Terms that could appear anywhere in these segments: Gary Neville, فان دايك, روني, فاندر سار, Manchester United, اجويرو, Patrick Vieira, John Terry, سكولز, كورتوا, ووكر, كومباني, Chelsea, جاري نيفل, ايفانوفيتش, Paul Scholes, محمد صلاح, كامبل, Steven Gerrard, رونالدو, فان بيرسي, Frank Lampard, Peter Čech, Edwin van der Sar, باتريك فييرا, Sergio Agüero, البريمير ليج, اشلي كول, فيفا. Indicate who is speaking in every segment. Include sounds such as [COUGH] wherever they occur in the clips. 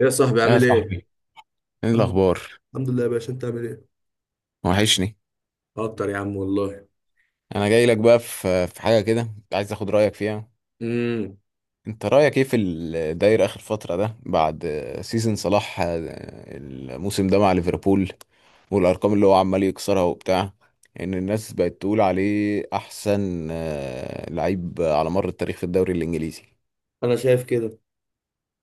Speaker 1: ايه يا صاحبي
Speaker 2: يا
Speaker 1: عامل ايه؟
Speaker 2: صاحبي، ايه
Speaker 1: الحمد
Speaker 2: الاخبار؟
Speaker 1: الحمد لله يا باشا، انت عامل ايه؟
Speaker 2: وحشني.
Speaker 1: اكتر يا عم والله.
Speaker 2: انا جاي لك بقى في حاجه كده، كنت عايز اخد رايك فيها.
Speaker 1: امم
Speaker 2: انت رايك ايه في الداير اخر فتره ده؟ بعد سيزن صلاح، الموسم ده مع ليفربول، والارقام اللي هو عمال يكسرها وبتاع، ان الناس بقت تقول عليه احسن لعيب على مر التاريخ في الدوري الانجليزي؟
Speaker 1: انا شايف كده.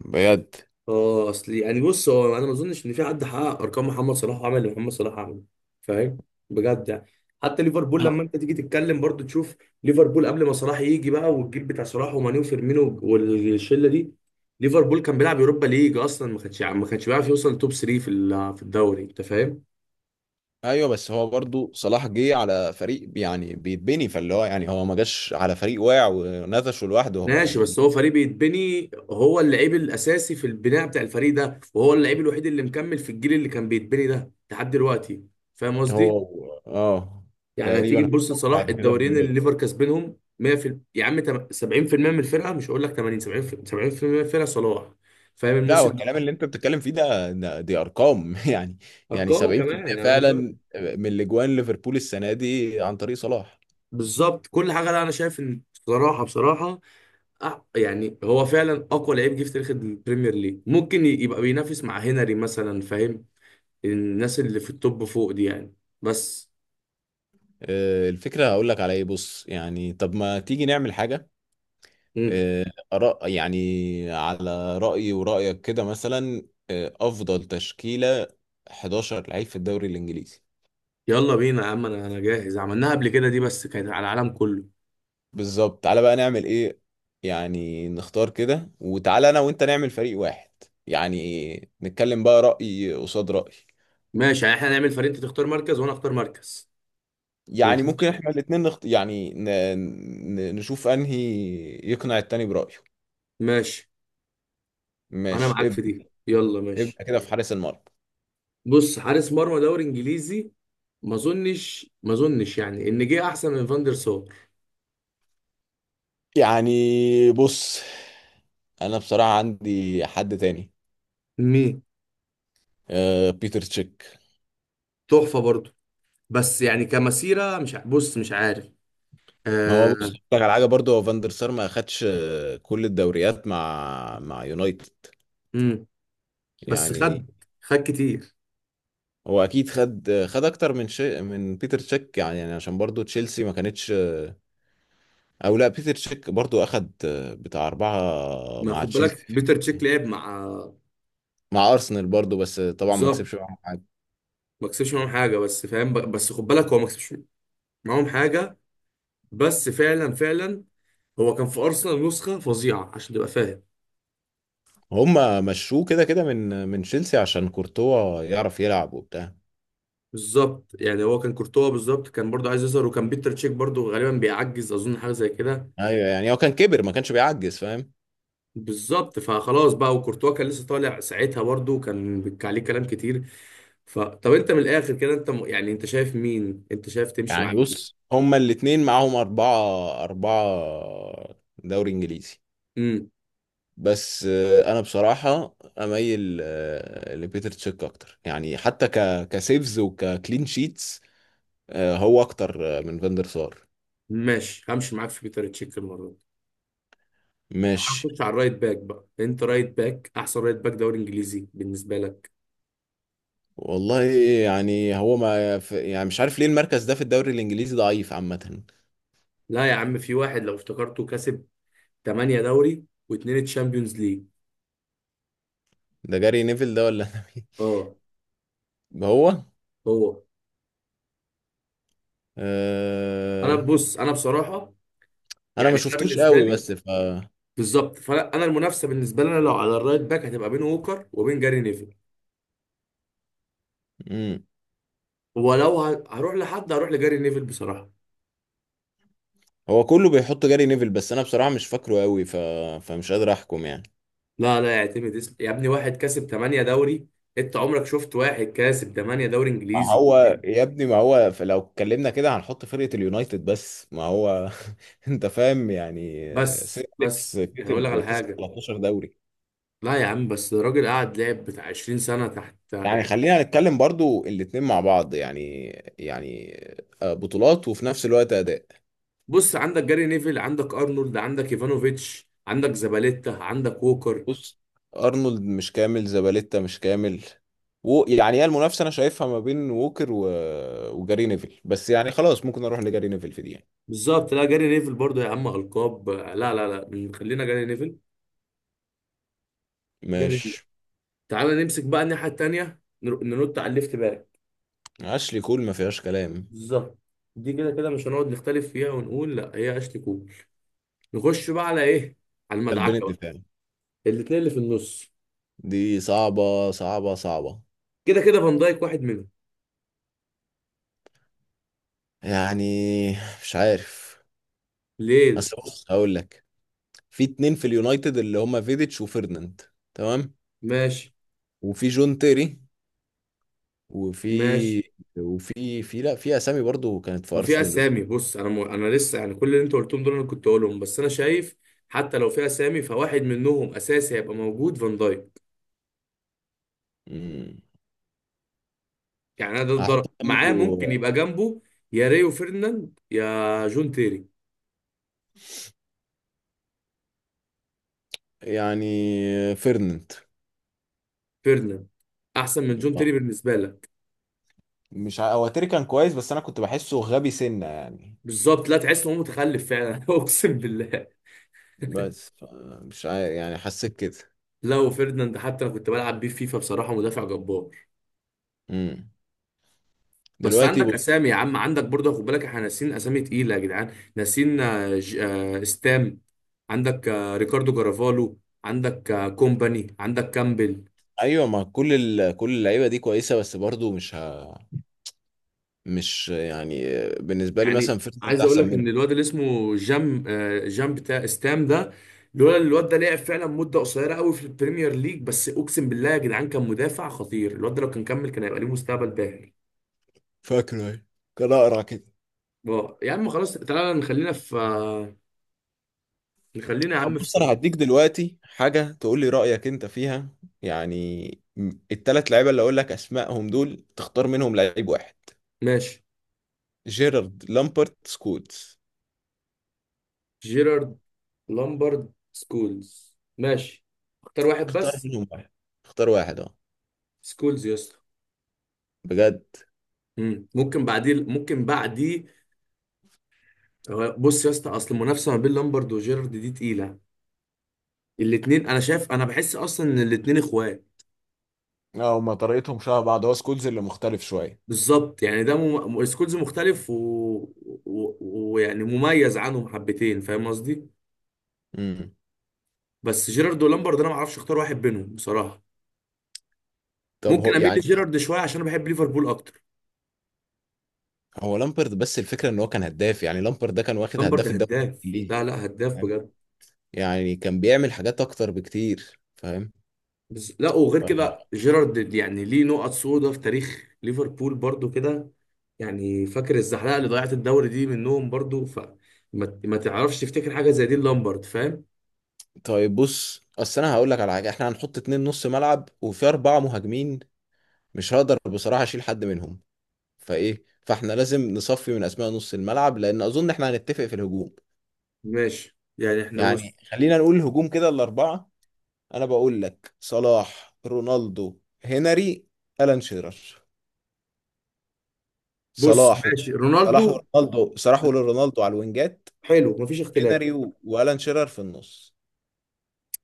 Speaker 2: بجد.
Speaker 1: اه، اصل يعني بص، هو انا ما اظنش ان في حد حقق ارقام محمد صلاح وعمل اللي محمد صلاح عمله. فاهم؟ بجد يعني. حتى ليفربول لما
Speaker 2: آه.
Speaker 1: انت تيجي تتكلم برضو تشوف ليفربول قبل ما صلاح يجي بقى، والجيل بتاع صلاح وماني وفيرمينو والشله دي، ليفربول كان بيلعب يوروبا ليج اصلا، ما كانش بيعرف يوصل توب 3 في الدوري. انت فاهم؟
Speaker 2: ايوه، بس هو برضو صلاح جه على فريق يعني بيتبني، فاللي هو يعني هو ما جاش على فريق واقع ونفشه لوحده هو
Speaker 1: ماشي، بس هو
Speaker 2: يعني.
Speaker 1: فريق بيتبني، هو اللعيب الاساسي في البناء بتاع الفريق ده، وهو اللعيب الوحيد اللي مكمل في الجيل اللي كان بيتبني ده لحد دلوقتي. فاهم قصدي؟
Speaker 2: هو اه.
Speaker 1: يعني هتيجي
Speaker 2: تقريبا.
Speaker 1: تبص لصلاح،
Speaker 2: بعد كده
Speaker 1: الدوريين اللي
Speaker 2: بنضيع.
Speaker 1: ليفر كسبانهم 100 يا عم 70% من الفرقه، مش هقول لك 80 70 70% من الفرقه صلاح. فاهم
Speaker 2: لا، هو
Speaker 1: الموسم
Speaker 2: الكلام
Speaker 1: ده؟
Speaker 2: اللي انت بتتكلم فيه ده دي ارقام [LAUGHS] يعني. يعني
Speaker 1: ارقام كمان
Speaker 2: 70%
Speaker 1: يعني. انا مش
Speaker 2: فعلا من الاجوان ليفربول السنه دي عن طريق صلاح.
Speaker 1: بالظبط، كل حاجه. لا انا شايف ان بصراحه يعني هو فعلا اقوى لعيب جه في تاريخ البريمير ليج، ممكن يبقى بينافس مع هنري مثلا. فاهم؟ الناس اللي في التوب فوق دي يعني. بس.
Speaker 2: الفكره هقول لك على ايه. بص، يعني طب ما تيجي نعمل حاجه.
Speaker 1: مم.
Speaker 2: آه. يعني على رايي ورايك كده مثلا، افضل تشكيله 11 لعيب في الدوري الانجليزي.
Speaker 1: يلا بينا يا عم، انا جاهز، عملناها قبل كده، دي بس كانت على العالم كله.
Speaker 2: بالظبط، تعالى بقى نعمل ايه. يعني نختار كده، وتعالى انا وانت نعمل فريق واحد. يعني نتكلم بقى رأي قصاد رأي.
Speaker 1: ماشي، يعني احنا هنعمل فريق، انت تختار مركز وانا اختار مركز
Speaker 2: يعني
Speaker 1: ونشوف.
Speaker 2: ممكن احنا الاتنين يعني نشوف انهي يقنع التاني برأيه.
Speaker 1: ماشي، انا
Speaker 2: ماشي،
Speaker 1: معاك في
Speaker 2: ابدأ.
Speaker 1: دي، يلا ماشي.
Speaker 2: ابدأ كده في حارس المرمى.
Speaker 1: بص، حارس مرمى دوري انجليزي، ما اظنش يعني ان جه احسن من فاندر سار.
Speaker 2: يعني بص، انا بصراحة عندي حد تاني.
Speaker 1: مين؟
Speaker 2: آه، بيتر تشيك.
Speaker 1: تحفه برضه، بس يعني كمسيره مش بص مش عارف.
Speaker 2: ما هو بص،
Speaker 1: آه.
Speaker 2: أقول لك على حاجة برضه. هو فاندر سار ما اخدش كل الدوريات مع يونايتد.
Speaker 1: امم بس خد،
Speaker 2: يعني.
Speaker 1: خد كتير.
Speaker 2: هو اكيد خد اكتر من شيء من بيتر تشيك يعني عشان برضو تشيلسي ما كانتش. او لا، بيتر تشيك برضو اخد بتاع اربعة
Speaker 1: ما
Speaker 2: مع
Speaker 1: خد
Speaker 2: تشيلسي.
Speaker 1: بالك، بيتر تشيك لعب مع
Speaker 2: مع ارسنال برضو بس طبعا ما
Speaker 1: زار.
Speaker 2: كسبش معاهم حاجة.
Speaker 1: ما كسبش معاهم حاجه بس فاهم بس خد بالك هو ما كسبش معاهم حاجه. بس فعلا فعلا هو كان في ارسنال نسخه فظيعه، عشان تبقى فاهم.
Speaker 2: هما مشوه كده كده من تشيلسي عشان كورتوا يعرف يلعب وبتاع.
Speaker 1: بالظبط، يعني هو كان كورتوا بالظبط كان برضه عايز يظهر، وكان بيتر تشيك برضه غالبا بيعجز اظن، حاجه زي كده.
Speaker 2: ايوه، يعني هو كان كبر ما كانش بيعجز، فاهم.
Speaker 1: بالظبط، فخلاص بقى، وكورتوا كان لسه طالع ساعتها برضه، وكان عليه كلام كتير. ف طب انت من الاخر كده، انت يعني انت شايف مين؟ انت شايف تمشي مع
Speaker 2: يعني
Speaker 1: مين؟
Speaker 2: بص، هما الاتنين معاهم اربعة اربعة دوري انجليزي.
Speaker 1: امم
Speaker 2: بس انا بصراحه اميل لبيتر تشيك اكتر، يعني حتى كسيفز وككلين شيتس هو اكتر من فاندر سار.
Speaker 1: ماشي، همشي معاك في بيتر تشيك المره دي.
Speaker 2: ماشي.
Speaker 1: هنخش على الرايت باك بقى، انت رايت باك احسن رايت باك دوري انجليزي بالنسبه لك؟
Speaker 2: والله، يعني هو ما ف- يعني مش عارف ليه المركز ده في الدوري الانجليزي ضعيف عامه.
Speaker 1: لا يا عم، في واحد لو افتكرته كسب 8 دوري واثنين تشامبيونز ليج.
Speaker 2: ده جاري نيفل ده، ولا [LAUGHS] أنا مين.
Speaker 1: اه،
Speaker 2: هو.
Speaker 1: هو. انا
Speaker 2: أه...
Speaker 1: بص، انا بصراحه
Speaker 2: انا ما
Speaker 1: يعني انا
Speaker 2: شفتوش
Speaker 1: بالنسبه
Speaker 2: قوي،
Speaker 1: لي،
Speaker 2: بس ف.
Speaker 1: بالظبط، فانا أنا المنافسه بالنسبه لنا لو على الرايت باك هتبقى بين ووكر وبين جاري نيفل،
Speaker 2: مم.
Speaker 1: ولو هروح لحد هروح لجاري نيفل بصراحه.
Speaker 2: هو كله بيحط جاري نيفل، بس انا بصراحه مش فاكره قوي ف... فمش قادر احكم يعني.
Speaker 1: لا لا، يعتمد اسم يا ابني، واحد كسب 8 دوري، انت عمرك شفت واحد كاسب 8 دوري
Speaker 2: ما
Speaker 1: انجليزي؟
Speaker 2: هو يا ابني، ما هو لو اتكلمنا كده هنحط فرقة اليونايتد بس. ما هو [LAUGHS] انت فاهم، يعني
Speaker 1: بس
Speaker 2: سير أليكس
Speaker 1: بس يعني اقول لك
Speaker 2: كسب
Speaker 1: على
Speaker 2: كسب
Speaker 1: حاجه،
Speaker 2: 13 دوري.
Speaker 1: لا يا عم، بس الراجل قعد لعب بتاع 20 سنة تحت
Speaker 2: يعني
Speaker 1: يعني.
Speaker 2: خلينا نتكلم برضو الاتنين مع بعض، يعني. يعني بطولات وفي نفس الوقت أداء.
Speaker 1: بص، عندك جاري نيفل، عندك ارنولد، عندك ايفانوفيتش، عندك زباليتا، عندك ووكر.
Speaker 2: بص، أرنولد مش كامل، زباليتا مش كامل، و يعني هي المنافسة أنا شايفها ما بين ووكر و... وجاري نيفل. بس يعني خلاص، ممكن أروح لجاري نيفل في دي يعني.
Speaker 1: بالظبط، لا جاري نيفل برضو يا عم، ألقاب، لا لا لا، خلينا جاري نيفل. جاري نيفل.
Speaker 2: ماشي.
Speaker 1: تعال نمسك بقى الناحية التانية، ننط على الليفت باك.
Speaker 2: أشلي كول ما فيهاش كلام.
Speaker 1: بالظبط، دي كده كده مش هنقعد نختلف فيها ونقول، لا هي اشلي كول. نخش بقى على ايه؟ على
Speaker 2: قلبين
Speaker 1: المدعكة بقى،
Speaker 2: الدفاع.
Speaker 1: الاتنين اللي في النص.
Speaker 2: دي صعبة صعبة صعبة.
Speaker 1: كده كده فان دايك واحد منهم.
Speaker 2: يعني مش عارف.
Speaker 1: ليه؟
Speaker 2: بس بص هقول لك، في اتنين في اليونايتد اللي هما فيديتش وفيرناند. تمام.
Speaker 1: ماشي،
Speaker 2: وفي جون تيري. وفي.
Speaker 1: ماشي.
Speaker 2: وفي لا، في اسامي برضو كانت في
Speaker 1: ما في
Speaker 2: ارسنال
Speaker 1: اسامي، بص انا انا لسه يعني كل اللي انت قلتهم دول انا كنت اقولهم، بس انا شايف حتى لو في اسامي فواحد منهم اساسي هيبقى موجود فان دايك.
Speaker 2: مم.
Speaker 1: يعني انا ده
Speaker 2: هحط
Speaker 1: الضرب معاه، ممكن
Speaker 2: جنبه.
Speaker 1: يبقى جنبه يا ريو فيرناند يا جون تيري.
Speaker 2: يعني فيرناند.
Speaker 1: فيرناند احسن من جون تيري
Speaker 2: آه.
Speaker 1: بالنسبه لك؟
Speaker 2: مش ع- هو تيري كان كويس، بس انا كنت بحسه غبي سنة يعني.
Speaker 1: بالظبط، لا تحس ان هو متخلف فعلا [LAUGHS] اقسم بالله.
Speaker 2: بس. مش عارف، يعني حسيت كده.
Speaker 1: لا وفيرناند حتى انا كنت بلعب بيه فيفا بصراحه مدافع جبار.
Speaker 2: مم.
Speaker 1: بس
Speaker 2: دلوقتي.
Speaker 1: عندك اسامي يا عم، عندك برضه، خد بالك احنا ناسيين اسامي تقيله يا جدعان، ناسيين ستام، عندك ريكاردو كارافالو، عندك كومباني، عندك كامبل.
Speaker 2: ايوه، ما كل كل اللعيبه دي كويسه، بس برضو مش. مش يعني، بالنسبه لي
Speaker 1: يعني
Speaker 2: مثلا فيرتز انت
Speaker 1: عايز اقول
Speaker 2: احسن
Speaker 1: لك
Speaker 2: منه.
Speaker 1: ان الواد اللي اسمه جام بتاع ستام ده، لولا إن الواد ده لعب فعلا مده قصيره قوي في البريمير ليج، بس اقسم بالله يا جدعان كان مدافع خطير، الواد ده لو كان كمل كان هيبقى ليه مستقبل باهر.
Speaker 2: فاكره ايه؟ كان اقرع كده.
Speaker 1: يا عم خلاص، تعالى نخلينا في نخلينا يا
Speaker 2: طب
Speaker 1: عم
Speaker 2: بص،
Speaker 1: في
Speaker 2: انا هديك دلوقتي حاجه تقول لي رايك انت فيها. يعني التلات لعيبه اللي اقول لك اسمائهم دول، تختار منهم لعيب واحد.
Speaker 1: ماشي.
Speaker 2: جيرارد، لامبرت، سكولز.
Speaker 1: جيرارد لامبرد سكولز، ماشي، اختار واحد
Speaker 2: اختار
Speaker 1: بس.
Speaker 2: منهم واحد. اختار واحد اه.
Speaker 1: سكولز يا اسطى.
Speaker 2: بجد.
Speaker 1: ممكن بعديه. بص يا اسطى، اصل المنافسه ما بين لامبرد وجيرارد دي تقيله، الاثنين انا شايف، انا بحس اصلا ان الاثنين اخوات.
Speaker 2: اه، هما طريقتهم شبه بعض. هو سكولز اللي مختلف شوية.
Speaker 1: بالظبط يعني ده سكولز مختلف ويعني ويعني مميز عنهم حبتين، فاهم قصدي؟
Speaker 2: امم.
Speaker 1: بس جيرارد ولامبرد انا ما اعرفش اختار واحد بينهم بصراحه.
Speaker 2: طب
Speaker 1: ممكن
Speaker 2: هو
Speaker 1: اميل
Speaker 2: يعني،
Speaker 1: لجيرارد شويه عشان انا بحب ليفربول اكتر.
Speaker 2: هو لامبرد. بس الفكره ان هو كان هداف. يعني لامبرد ده كان واخد
Speaker 1: لامبرد
Speaker 2: هداف الدوري
Speaker 1: هداف،
Speaker 2: الانجليزي،
Speaker 1: لا لا، هداف
Speaker 2: فاهم.
Speaker 1: بجد.
Speaker 2: يعني كان بيعمل حاجات اكتر بكتير، فاهم.
Speaker 1: بس لا وغير
Speaker 2: فاهم.
Speaker 1: كده جيرارد يعني ليه نقط سودا في تاريخ ليفربول برضو كده، يعني فاكر الزحلقه اللي ضيعت الدوري دي منهم برضو، ف ما تعرفش تفتكر حاجه زي دي لامبرد، فاهم.
Speaker 2: طيب بص، اصل انا هقول لك على حاجه. احنا هنحط اتنين نص ملعب وفي اربعه مهاجمين. مش هقدر بصراحه اشيل حد منهم. فايه، فاحنا لازم نصفي من اسماء نص الملعب، لان اظن احنا هنتفق في الهجوم.
Speaker 1: ماشي يعني احنا
Speaker 2: يعني
Speaker 1: بص
Speaker 2: خلينا نقول الهجوم كده الاربعه. انا بقول لك صلاح، رونالدو، هنري، الان شيرر.
Speaker 1: بص
Speaker 2: صلاح و-
Speaker 1: ماشي رونالدو،
Speaker 2: صلاح ورونالدو على الوينجات.
Speaker 1: حلو، مفيش اختلاف.
Speaker 2: هنري والان شيرر في النص.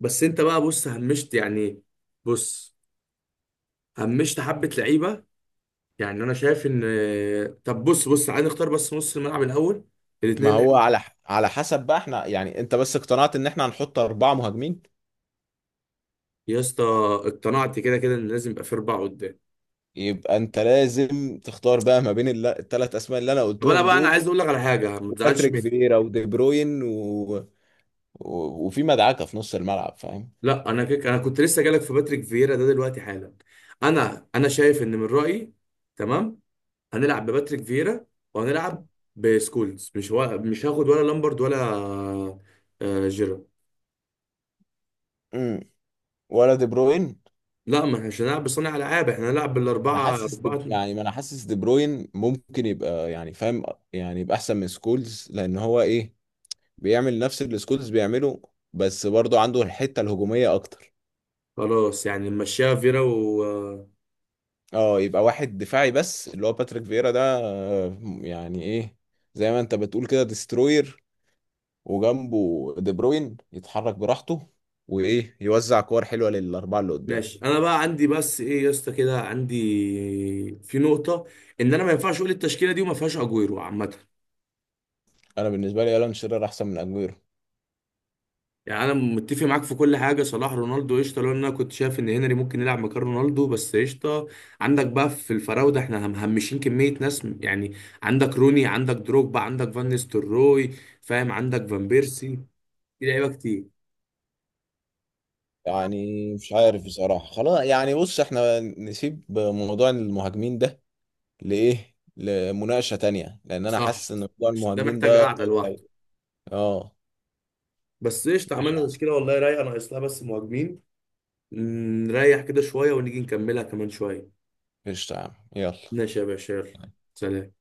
Speaker 1: بس انت بقى بص، همشت حبه لعيبه. يعني انا شايف ان، طب بص عايز نختار بس نص الملعب الاول، الاثنين
Speaker 2: ما
Speaker 1: اللي
Speaker 2: هو
Speaker 1: احنا.
Speaker 2: على حسب بقى احنا يعني. انت بس اقتنعت ان احنا هنحط اربعة مهاجمين،
Speaker 1: يا اسطى اقتنعت كده كده ان لازم يبقى في اربعه قدام.
Speaker 2: يبقى انت لازم تختار بقى ما بين الثلاث اسماء اللي انا
Speaker 1: طب انا
Speaker 2: قلتهم
Speaker 1: بقى انا
Speaker 2: دول.
Speaker 1: عايز اقول لك على حاجه، ما تزعلش
Speaker 2: وباتريك
Speaker 1: مني.
Speaker 2: فييرا ودي بروين وفي مدعكة في نص الملعب، فاهم.
Speaker 1: لا انا كده انا كنت لسه جالك في باتريك فييرا ده دلوقتي حالا. انا شايف ان من رايي، تمام، هنلعب بباتريك فييرا وهنلعب بسكولز. مش هاخد ولا لامبرد ولا جيرارد.
Speaker 2: امم. ولا دي بروين.
Speaker 1: لا ما احنا مش هنلعب بصانع العاب، احنا هنلعب
Speaker 2: انا
Speaker 1: بالاربعه
Speaker 2: حاسس
Speaker 1: اربعه.
Speaker 2: يعني ما انا حاسس دي بروين ممكن يبقى، يعني فاهم. يعني يبقى احسن من سكولز، لان هو ايه، بيعمل نفس اللي سكولز بيعمله، بس برضه عنده الحتة الهجومية أكتر.
Speaker 1: خلاص يعني نمشيها فييرا و آه،
Speaker 2: اه، يبقى واحد دفاعي بس اللي هو باتريك فييرا ده، يعني ايه، زي ما انت بتقول كده، ديستروير. وجنبه دي بروين يتحرك براحته وايه، يوزع كور حلوة للأربعة اللي قدام.
Speaker 1: ماشي. انا بقى عندي بس ايه يا اسطى كده، عندي في نقطه، ان انا ما ينفعش اقول التشكيله دي وما فيهاش اجويرو عامه.
Speaker 2: انا بالنسبة لي الان شيرر احسن من اجويرو.
Speaker 1: يعني انا متفق معاك في كل حاجه، صلاح رونالدو قشطه، لو إن انا كنت شايف ان هنري ممكن يلعب مكان رونالدو، بس قشطه. عندك بقى في الفراوده احنا مهمشين كميه ناس يعني عندك روني، عندك دروجبا، عندك فان نيستلروي، فاهم، عندك فان بيرسي، في لعيبه كتير.
Speaker 2: يعني مش عارف بصراحة. خلاص يعني، بص احنا نسيب موضوع المهاجمين ده لمناقشة تانية، لأن أنا
Speaker 1: صح،
Speaker 2: حاسس إن موضوع
Speaker 1: عشان ده
Speaker 2: المهاجمين
Speaker 1: محتاج
Speaker 2: ده
Speaker 1: قعده
Speaker 2: طويل
Speaker 1: لوحده.
Speaker 2: أوي. اه.
Speaker 1: بس قشطه،
Speaker 2: ماشي.
Speaker 1: عملنا تشكيله والله رايقه، ناقص لها بس مهاجمين. نريح كده شويه ونيجي نكملها كمان شويه.
Speaker 2: قشطة يا عم، يلا.
Speaker 1: ماشي يا باشا، يلا، سلام.